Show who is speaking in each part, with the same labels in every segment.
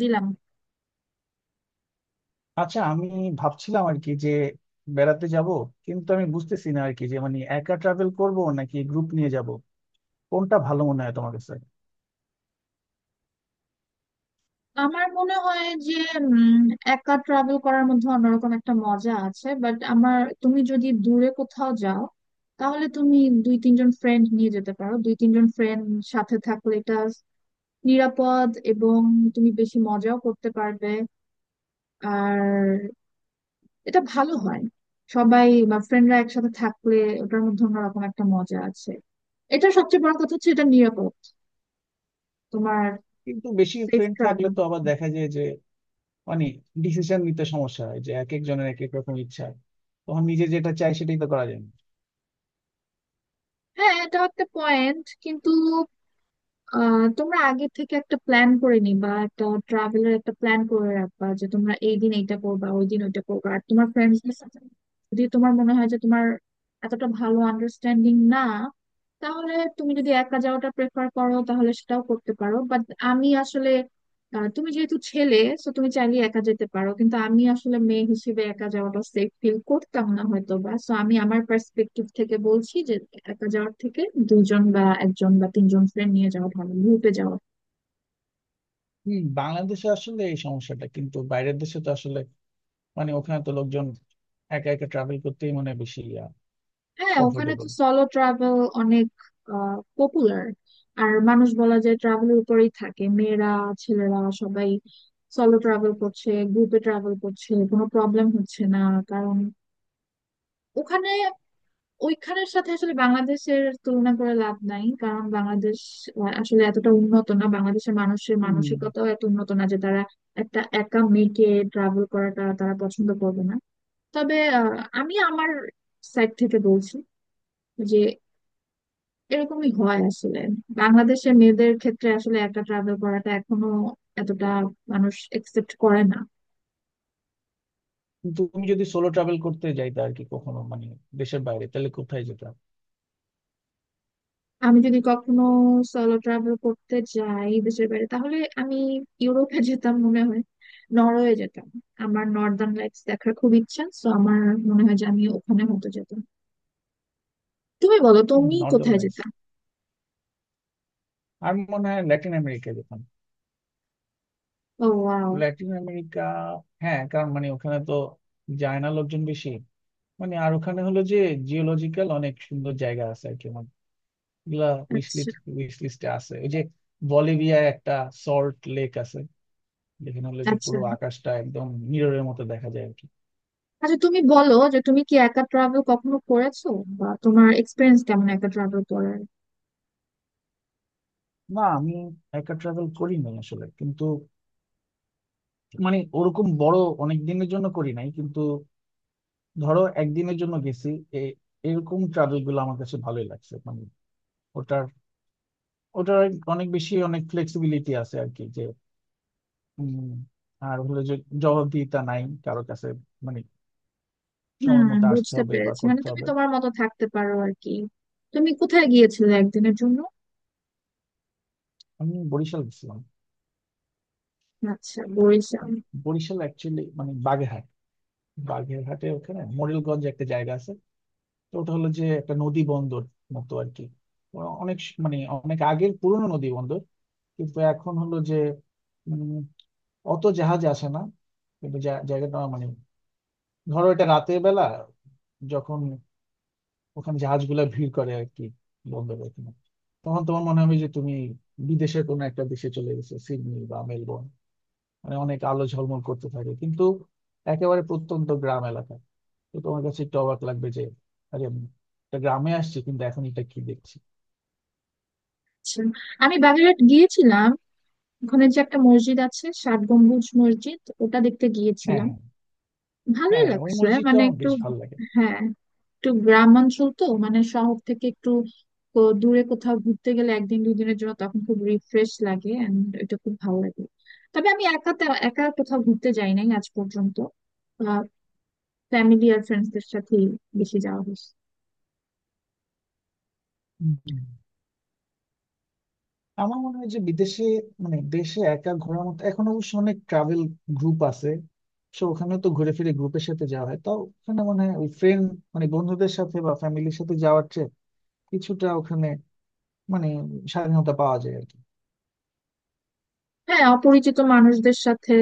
Speaker 1: দিলাম।
Speaker 2: আচ্ছা আমি ভাবছিলাম আর কি যে বেড়াতে যাব, কিন্তু আমি বুঝতেছি না আর কি যে মানে একা ট্রাভেল করব নাকি গ্রুপ নিয়ে যাব। কোনটা ভালো মনে হয় তোমার কাছে?
Speaker 1: আমার মনে হয় যে উম, একা ট্রাভেল করার মধ্যে অন্যরকম একটা মজা আছে, বাট আমার তুমি যদি দূরে কোথাও যাও তাহলে তুমি দুই তিনজন ফ্রেন্ড নিয়ে যেতে পারো। দুই তিনজন ফ্রেন্ড সাথে থাকলে এটা নিরাপদ এবং তুমি বেশি মজাও করতে পারবে। আর এটা ভালো হয় সবাই বা ফ্রেন্ডরা একসাথে থাকলে। ওটার মধ্যে অন্যরকম একটা মজা আছে। এটা সবচেয়ে বড় কথা হচ্ছে এটা নিরাপদ তোমার
Speaker 2: কিন্তু বেশি
Speaker 1: সেফ
Speaker 2: ফ্রেন্ড থাকলে
Speaker 1: ট্রাভেল।
Speaker 2: তো আবার দেখা যায় যে মানে ডিসিশন নিতে সমস্যা হয়, যে এক একজনের এক এক রকম ইচ্ছা। তখন নিজে যেটা চাই সেটাই তো করা যায় না।
Speaker 1: হ্যাঁ, এটা একটা পয়েন্ট, কিন্তু তোমরা আগে থেকে একটা প্ল্যান করে নিবা, একটা ট্রাভেলের একটা প্ল্যান করে রাখবা যে তোমরা এই দিন এইটা করবা, ওই দিন ওইটা করবা। আর তোমার ফ্রেন্ডসদের সাথে যদি তোমার মনে হয় যে তোমার এতটা ভালো আন্ডারস্ট্যান্ডিং না, তাহলে তুমি যদি একা যাওয়াটা প্রেফার করো তাহলে সেটাও করতে পারো। বাট আমি আসলে তুমি যেহেতু ছেলে তো তুমি চাইলে একা যেতে পারো, কিন্তু আমি আসলে মেয়ে হিসেবে একা যাওয়াটা সেফ ফিল করতাম না হয়তো বা। সো আমি আমার পার্সপেক্টিভ থেকে বলছি যে একা যাওয়ার থেকে দুইজন বা একজন বা তিনজন ফ্রেন্ড নিয়ে যাওয়া ভালো, গ্রুপে যাওয়া।
Speaker 2: হম, বাংলাদেশে আসলে এই সমস্যাটা, কিন্তু বাইরের দেশে তো আসলে মানে ওখানে তো লোকজন একা একা ট্রাভেল করতেই মানে বেশি
Speaker 1: হ্যাঁ, ওখানে তো
Speaker 2: কমফোর্টেবল।
Speaker 1: সলো ট্রাভেল অনেক পপুলার। আর মানুষ বলা যায় ট্রাভেলের উপরেই থাকে। মেয়েরা, ছেলেরা সবাই সলো ট্রাভেল করছে, গ্রুপে ট্রাভেল করছে, কোনো প্রবলেম হচ্ছে না। কারণ ওখানে, ওইখানের সাথে আসলে বাংলাদেশের তুলনা করে লাভ নাই। কারণ বাংলাদেশ আসলে এতটা উন্নত না, বাংলাদেশের মানুষের মানসিকতাও এত উন্নত না যে তারা একটা একা মেয়েকে ট্রাভেল করাটা তারা পছন্দ করবে না। তবে আমি আমার সাইড থেকে বলছি যে এরকমই হয় আসলে। বাংলাদেশের মেয়েদের ক্ষেত্রে আসলে একা ট্রাভেল করাটা এখনো এতটা মানুষ একসেপ্ট করে না।
Speaker 2: কিন্তু তুমি যদি সোলো ট্রাভেল করতে যাইতে আর কি কখনো মানে দেশের বাইরে, তাহলে কোথায় যেতে?
Speaker 1: আমি যদি কখনো সলো ট্রাভেল করতে যাই দেশের বাইরে, তাহলে আমি ইউরোপে যেতাম মনে হয়। নরওয়ে যেতাম। আমার নর্দার্ন লাইটস দেখার খুব ইচ্ছা, তো আমার মনে হয় যে আমি ওখানে হয়তো যেতাম। তুমি বলো, তুমি
Speaker 2: নর্দার্ন
Speaker 1: কোথায়
Speaker 2: লাইটস।
Speaker 1: যেতাম।
Speaker 2: আর মনে হয় ল্যাটিন আমেরিকা যেতাম।
Speaker 1: ও, ওয়াও।
Speaker 2: Latin America. হ্যাঁ, কারণ মানে ওখানে তো যায় না লোকজন বেশি। মানে আর ওখানে হলো যে জিওলজিক্যাল অনেক সুন্দর জায়গা আছে আর কি। আমার এগুলা উইশ
Speaker 1: আচ্ছা।
Speaker 2: লিস্ট, উইশ লিস্টে আছে ওই যে বলিভিয়ায় একটা সল্ট লেক আছে, যেখানে হলো যে
Speaker 1: আচ্ছা।
Speaker 2: পুরো আকাশটা একদম মিররের মতো দেখা যায় আর কি।
Speaker 1: আচ্ছা, তুমি বলো যে তুমি কি একা ট্রাভেল কখনো করেছো, বা তোমার এক্সপিরিয়েন্স কেমন একা ট্রাভেল করার?
Speaker 2: না, আমি একা ট্রাভেল করিনি আসলে, কিন্তু মানে ওরকম বড় অনেক দিনের জন্য করি নাই। কিন্তু ধরো একদিনের জন্য গেছি। এ- এরকম ট্রাভেল গুলো আমার কাছে ভালোই লাগছে, মানে ওটার ওটার অনেক বেশি অনেক ফ্লেক্সিবিলিটি আছে আর কি, যে উম, আর হলো যে জবাবদিহিতা নাই কারো কাছে। মানে সময়
Speaker 1: হুম,
Speaker 2: মতো আসতে
Speaker 1: বুঝতে
Speaker 2: হবে বা
Speaker 1: পেরেছি, মানে
Speaker 2: করতে
Speaker 1: তুমি
Speaker 2: হবে।
Speaker 1: তোমার মতো থাকতে পারো আর কি। তুমি কোথায় গিয়েছিলে একদিনের জন্য?
Speaker 2: আমি বরিশাল গেছিলাম।
Speaker 1: আচ্ছা, বরিশাল।
Speaker 2: বরিশাল অ্যাকচুয়ালি মানে বাগেরহাট। বাগেরহাটে ওখানে মোরেলগঞ্জ একটা জায়গা আছে। তো ওটা হলো যে একটা নদী বন্দর মতো আর কি। মানে অনেক আগের পুরনো নদী বন্দর। কিন্তু এখন হলো যে উম, অত জাহাজ আসে না। কিন্তু জায়গাটা আমার, মানে ধরো এটা রাতের বেলা, যখন ওখানে জাহাজগুলো ভিড় করে আর কি বন্দরে এখানে, তখন তোমার মনে হবে যে তুমি বিদেশের কোনো একটা দেশে চলে গেছো, সিডনি বা মেলবোর্ন। মানে অনেক আলো ঝলমল করতে থাকে, কিন্তু একেবারে প্রত্যন্ত গ্রাম এলাকা। তো তোমার কাছে একটু অবাক লাগবে যে, আরে আমি একটা গ্রামে আসছি, কিন্তু এখন এটা কি দেখছি।
Speaker 1: আচ্ছা, আমি বাগেরহাট গিয়েছিলাম। ওখানে যে একটা মসজিদ আছে, ষাট গম্বুজ মসজিদ, ওটা দেখতে
Speaker 2: হ্যাঁ
Speaker 1: গিয়েছিলাম।
Speaker 2: হ্যাঁ
Speaker 1: ভালোই
Speaker 2: হ্যাঁ, ওই
Speaker 1: লাগছে
Speaker 2: মসজিদটা
Speaker 1: মানে
Speaker 2: আমার
Speaker 1: একটু।
Speaker 2: বেশ ভালো লাগে।
Speaker 1: হ্যাঁ, একটু গ্রাম অঞ্চল তো, মানে শহর থেকে একটু দূরে কোথাও ঘুরতে গেলে একদিন দুই দিনের জন্য, তখন খুব রিফ্রেশ লাগে এন্ড এটা খুব ভালো লাগে। তবে আমি একা একা কোথাও ঘুরতে যাই নাই আজ পর্যন্ত। ফ্যামিলি আর ফ্রেন্ডসদের সাথেই বেশি যাওয়া হয়েছে।
Speaker 2: হুম, হুম। আমার মনে হয় যে বিদেশে মানে দেশে একা ঘোরার মতো, এখন অবশ্য অনেক ট্রাভেল গ্রুপ আছে। সো ওখানে তো ঘুরে ফিরে গ্রুপের সাথে যাওয়া হয়, তাও ওখানে মানে ওই ফ্রেন্ড মানে বন্ধুদের সাথে বা ফ্যামিলির সাথে যাওয়ার চেয়ে কিছুটা ওখানে মানে স্বাধীনতা পাওয়া যায় আর কি।
Speaker 1: হ্যাঁ, অপরিচিত মানুষদের সাথে।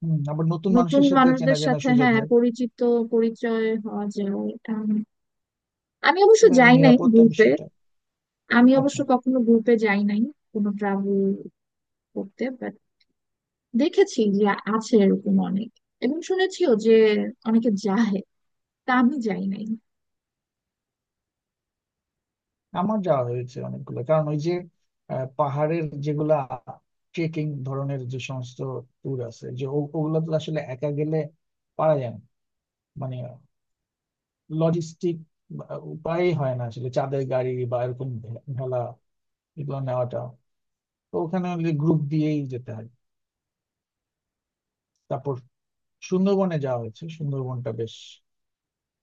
Speaker 2: হম, আবার নতুন
Speaker 1: নতুন
Speaker 2: মানুষের সাথে চেনা
Speaker 1: মানুষদের
Speaker 2: জানার
Speaker 1: সাথে
Speaker 2: সুযোগ
Speaker 1: হ্যাঁ
Speaker 2: হয়।
Speaker 1: পরিচিত, পরিচয় হওয়া যায়। এটা আমি, আমি অবশ্য
Speaker 2: এবং এই
Speaker 1: যাই নাই
Speaker 2: নিরাপত্তা
Speaker 1: গ্রুপে।
Speaker 2: বিষয়টা।
Speaker 1: আমি অবশ্য
Speaker 2: আচ্ছা।
Speaker 1: কখনো গ্রুপে যাই নাই কোনো ট্রাভেল করতে। দেখেছি যে আছে এরকম অনেক, এবং শুনেছিও যে অনেকে যায়। তা আমি যাই নাই।
Speaker 2: আমার যাওয়া হয়েছে অনেকগুলো, কারণ ওই যে পাহাড়ের যেগুলা ট্রেকিং ধরনের যে সমস্ত ট্যুর আছে, যে ওগুলো তো আসলে একা গেলে পারা যায় না। মানে লজিস্টিক উপায়ই হয় না আসলে, চাঁদের গাড়ি বা এরকম ভেলা এগুলো নেওয়াটা, তো ওখানে গ্রুপ দিয়েই যেতে হয়। তারপর সুন্দরবনে যাওয়া হয়েছে, সুন্দরবনটা বেশ,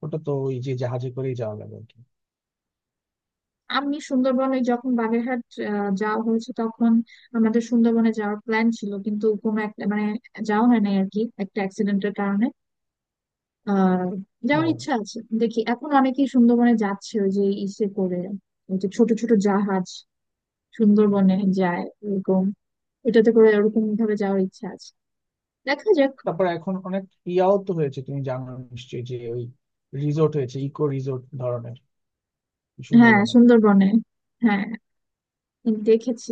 Speaker 2: ওটা তো ওই যে জাহাজে করেই যাওয়া লাগে আর কি।
Speaker 1: আমি সুন্দরবনে, যখন বাগেরহাট যাওয়া হয়েছে তখন আমাদের সুন্দরবনে যাওয়ার প্ল্যান ছিল, কিন্তু কোনো একটা মানে যাওয়া হয় নাই আর কি, একটা অ্যাক্সিডেন্টের কারণে। আহ
Speaker 2: ও,
Speaker 1: যাওয়ার ইচ্ছা আছে। দেখি, এখন অনেকেই সুন্দরবনে যাচ্ছে, ওই যে ইসে করে, ওই যে ছোট ছোট জাহাজ সুন্দরবনে যায় এরকম, এটাতে করে ওরকম ভাবে যাওয়ার ইচ্ছা আছে। দেখা যাক।
Speaker 2: তারপর এখন অনেক ইয়াও তো হয়েছে, তুমি জানো নিশ্চয়ই যে ওই রিসোর্ট হয়েছে, ইকো রিসোর্ট ধরনের
Speaker 1: হ্যাঁ,
Speaker 2: সুন্দরবনে।
Speaker 1: সুন্দরবনে। হ্যাঁ, দেখেছি।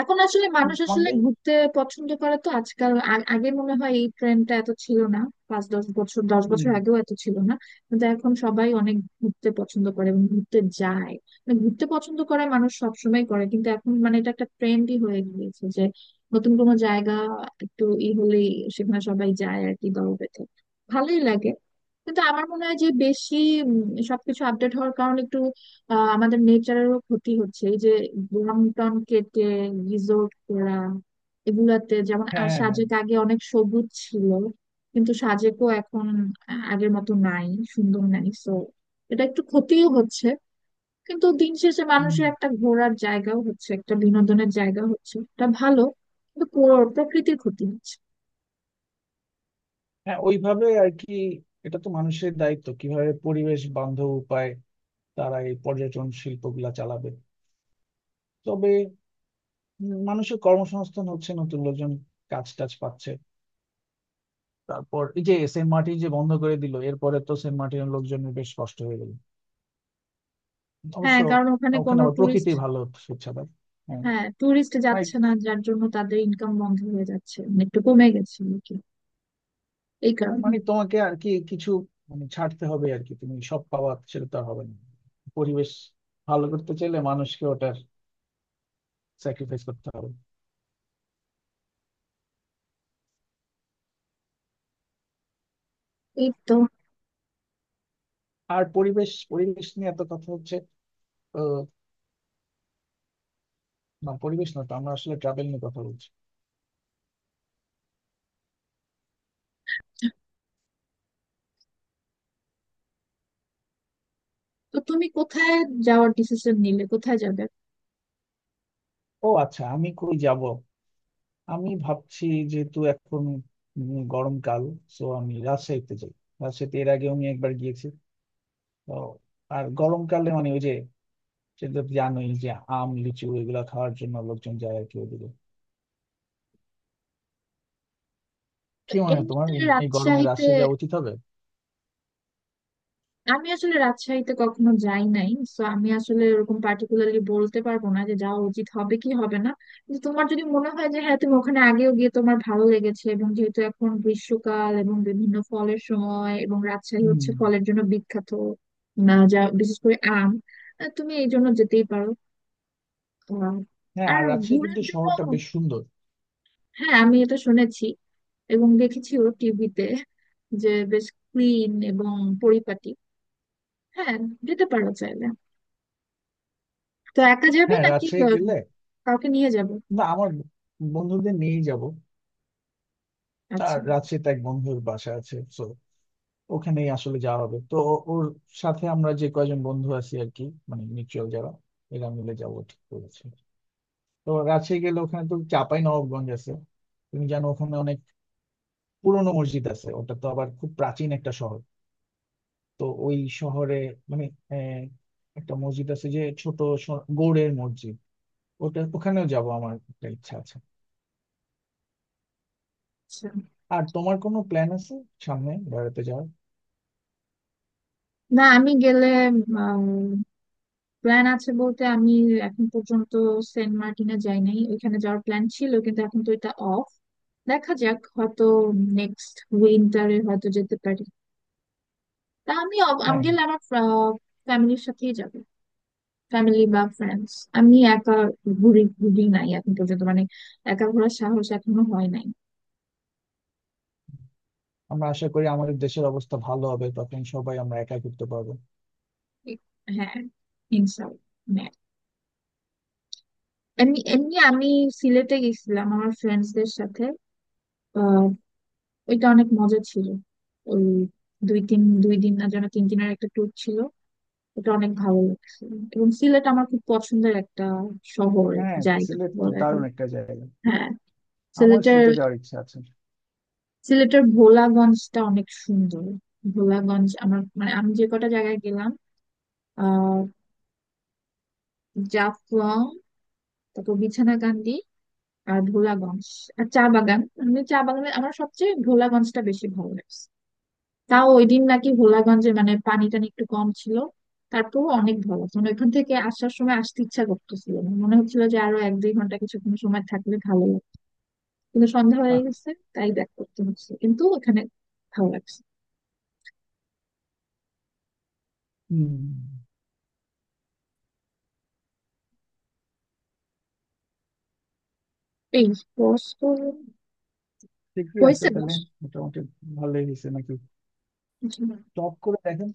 Speaker 1: এখন আসলে মানুষ আসলে
Speaker 2: আমাদের।
Speaker 1: ঘুরতে পছন্দ করে তো আজকাল। আগে মনে হয় এই ট্রেন্ডটা এত ছিল না। পাঁচ দশ বছর,
Speaker 2: হুম,
Speaker 1: আগেও এত ছিল না। কিন্তু এখন সবাই অনেক ঘুরতে পছন্দ করে এবং ঘুরতে যায়। মানে ঘুরতে পছন্দ করে মানুষ সবসময় করে, কিন্তু এখন মানে এটা একটা ট্রেন্ডই হয়ে গিয়েছে যে নতুন কোনো জায়গা একটু ই হলেই সেখানে সবাই যায় আর কি, দল বেঁধে। ভালোই লাগে, কিন্তু আমার মনে হয় যে বেশি উম, সবকিছু আপডেট হওয়ার কারণে একটু আমাদের নেচারেরও ক্ষতি হচ্ছে। এই যে বন টন কেটে রিসোর্ট করা, এগুলাতে যেমন
Speaker 2: হ্যাঁ হ্যাঁ হ্যাঁ,
Speaker 1: সাজেক আগে অনেক সবুজ ছিল, কিন্তু সাজেকও এখন আগের মতো নাই, সুন্দর নাই। সো এটা একটু ক্ষতিও হচ্ছে, কিন্তু দিন শেষে
Speaker 2: হুম,
Speaker 1: মানুষের একটা ঘোরার জায়গাও হচ্ছে, একটা বিনোদনের জায়গা হচ্ছে, এটা ভালো। কিন্তু প্রকৃতির ক্ষতি হচ্ছে।
Speaker 2: হ্যাঁ ওইভাবে আর কি। এটা তো মানুষের দায়িত্ব কিভাবে পরিবেশ বান্ধব উপায় তারা এই পর্যটন শিল্পগুলা চালাবে। তবে মানুষের কর্মসংস্থান হচ্ছে, নতুন লোকজন কাজ টাজ পাচ্ছে। তারপর এই যে সেন্ট মার্টিন যে বন্ধ করে দিল, এরপরে তো সেন্ট মার্টিনের লোকজনের বেশ কষ্ট হয়ে গেল অবশ্য।
Speaker 1: হ্যাঁ, কারণ ওখানে
Speaker 2: ওখানে
Speaker 1: কোনো
Speaker 2: আবার
Speaker 1: টুরিস্ট।
Speaker 2: প্রকৃতি ভালো, স্বেচ্ছাদার। হ্যাঁ,
Speaker 1: হ্যাঁ, টুরিস্ট
Speaker 2: মানে,
Speaker 1: যাচ্ছে না যার জন্য তাদের ইনকাম বন্ধ হয়ে যাচ্ছে, মানে একটু কমে গেছে আর কি, এই কারণে।
Speaker 2: মানে তোমাকে আর কি কিছু মানে ছাড়তে হবে আর কি, তুমি সব পাওয়া সেটা তো আর হবে না। পরিবেশ ভালো করতে চাইলে মানুষকে ওটার স্যাক্রিফাইস করতে হবে।
Speaker 1: এই তো।
Speaker 2: আর পরিবেশ পরিবেশ নিয়ে এত কথা হচ্ছে তো। না পরিবেশ না, তো আমরা আসলে ট্রাভেল নিয়ে কথা বলছি।
Speaker 1: তো তুমি কোথায় যাওয়ার ডিসিশন নিলে, কোথায় যাবে?
Speaker 2: ও আচ্ছা, আমি কই যাব? আমি ভাবছি যেহেতু এখন গরমকাল, তো আমি রাজশাহীতে যাই। রাজশাহীতে এর আগেও আমি একবার গিয়েছি। তো আর গরমকালে মানে ওই যে সেটা তো জানোই যে আম লিচু এগুলা খাওয়ার জন্য লোকজন যায় আর কি ওইদিকে।
Speaker 1: তো
Speaker 2: কি মনে হয় তোমার,
Speaker 1: এমনিতে
Speaker 2: এই এই গরমে
Speaker 1: রাজশাহীতে,
Speaker 2: রাজশাহী যাওয়া উচিত হবে?
Speaker 1: আমি আসলে রাজশাহীতে কখনো যাই নাই, তো আমি আসলে ওরকম পার্টিকুলারলি বলতে পারবো না যে যাওয়া উচিত হবে কি হবে না। কিন্তু তোমার যদি মনে হয় যে হ্যাঁ, তুমি ওখানে আগেও গিয়ে তোমার ভালো লেগেছে, এবং যেহেতু এখন গ্রীষ্মকাল এবং বিভিন্ন ফলের সময় এবং রাজশাহী
Speaker 2: হুম।
Speaker 1: হচ্ছে ফলের জন্য বিখ্যাত, না যা বিশেষ করে আম, তুমি এই জন্য যেতেই পারো। আহ,
Speaker 2: হ্যাঁ, আর
Speaker 1: আর
Speaker 2: রাজশাহী
Speaker 1: ঘোরার
Speaker 2: কিন্তু
Speaker 1: জন্য,
Speaker 2: শহরটা বেশ সুন্দর।
Speaker 1: হ্যাঁ আমি এটা শুনেছি এবং দেখেছিও টিভিতে যে বেশ ক্লিন এবং পরিপাটি। হ্যাঁ, যেতে পারো চাইলে। তো একা যাবে
Speaker 2: হ্যাঁ
Speaker 1: নাকি
Speaker 2: রাজশাহী গেলে,
Speaker 1: কাউকে নিয়ে যাবে?
Speaker 2: না আমার বন্ধুদের নিয়েই যাব। আর
Speaker 1: আচ্ছা।
Speaker 2: রাজশাহীতে এক বন্ধুর বাসা আছে, so ওখানেই আসলে যাওয়া হবে তো। ওর সাথে আমরা যে কয়জন বন্ধু আছি আর কি, মানে মিউচুয়াল যারা, এরা মিলে যাবো ঠিক করেছি। তো রাজশাহী গেলে ওখানে তো চাঁপাই নবাবগঞ্জ আছে। তুমি জানো ওখানে অনেক পুরনো মসজিদ আছে। ওটা তো আবার খুব প্রাচীন একটা শহর। তো ওই শহরে মানে আহ, একটা মসজিদ আছে, যে ছোট গৌড়ের মসজিদ, ওটা ওখানেও যাব, আমার একটা ইচ্ছা আছে।
Speaker 1: আচ্ছা।
Speaker 2: আর তোমার কোনো প্ল্যান আছে সামনে বেড়াতে যাওয়ার?
Speaker 1: না, আমি গেলে, প্ল্যান আছে বলতে আমি এখন পর্যন্ত সেন্ট মার্টিনে যাই নাই। ওইখানে যাওয়ার প্ল্যান ছিল, কিন্তু এখন তো এটা অফ। দেখা যাক, হয়তো নেক্সট উইন্টারে হয়তো যেতে পারি। তা আমি আমি
Speaker 2: হ্যাঁ হ্যাঁ।
Speaker 1: গেলে আমার ফ্যামিলির সাথেই যাবো, ফ্যামিলি বা ফ্রেন্ডস। আমি একা ঘুরি, ঘুরি নাই এখন পর্যন্ত, মানে একা ঘোরার সাহস এখনো হয় নাই।
Speaker 2: আমরা আশা করি আমাদের দেশের অবস্থা ভালো হবে, তখন সবাই আমরা একা ঘুরতে পারবো।
Speaker 1: হ্যাঁ, ইনশাল্লাহ। এমনি এমনি আমি সিলেটে গেছিলাম আমার ফ্রেন্ডসদের সাথে। আহ, ওইটা অনেক মজা ছিল। ওই দুই দিন না যেন তিন দিনের একটা ট্যুর ছিল। ওটা অনেক ভালো লাগছিল, এবং সিলেট আমার খুব পছন্দের একটা শহরের
Speaker 2: হ্যাঁ,
Speaker 1: জায়গা
Speaker 2: সিলেট তো
Speaker 1: বলা
Speaker 2: দারুণ
Speaker 1: যায়।
Speaker 2: একটা জায়গা।
Speaker 1: হ্যাঁ।
Speaker 2: আমার
Speaker 1: সিলেটের
Speaker 2: সিলেটে যাওয়ার ইচ্ছা আছে।
Speaker 1: সিলেটের ভোলাগঞ্জটা অনেক সুন্দর। ভোলাগঞ্জ আমার মানে, আমি যে কটা জায়গায় গেলাম আহ জাফলং, তারপর বিছানাকান্দি, আর ভোলাগঞ্জ, আর চা বাগান। আমি চা বাগানে, আমার সবচেয়ে ভোলাগঞ্জটা বেশি ভালো লাগে। তাও ওই দিন নাকি ভোলাগঞ্জে মানে পানি টানি একটু কম ছিল। তারপর অনেক ভালো মানে, ওইখান থেকে আসার সময় আসতে ইচ্ছা করতেছিল না, মনে হচ্ছিল যে আরো এক দুই ঘন্টা কিছুক্ষণ সময় থাকলে ভালো লাগতো, কিন্তু সন্ধ্যা হয়ে
Speaker 2: আহ,
Speaker 1: গেছে তাই ব্যাক করতে হচ্ছে। কিন্তু ওখানে ভালো লাগছে।
Speaker 2: হুম,
Speaker 1: এই বস,
Speaker 2: ঠিকই আছে
Speaker 1: হয়েছে
Speaker 2: তাহলে।
Speaker 1: বস।
Speaker 2: মোটামুটি ভালোই হয়েছে নাকি। টপ করে দেখেন।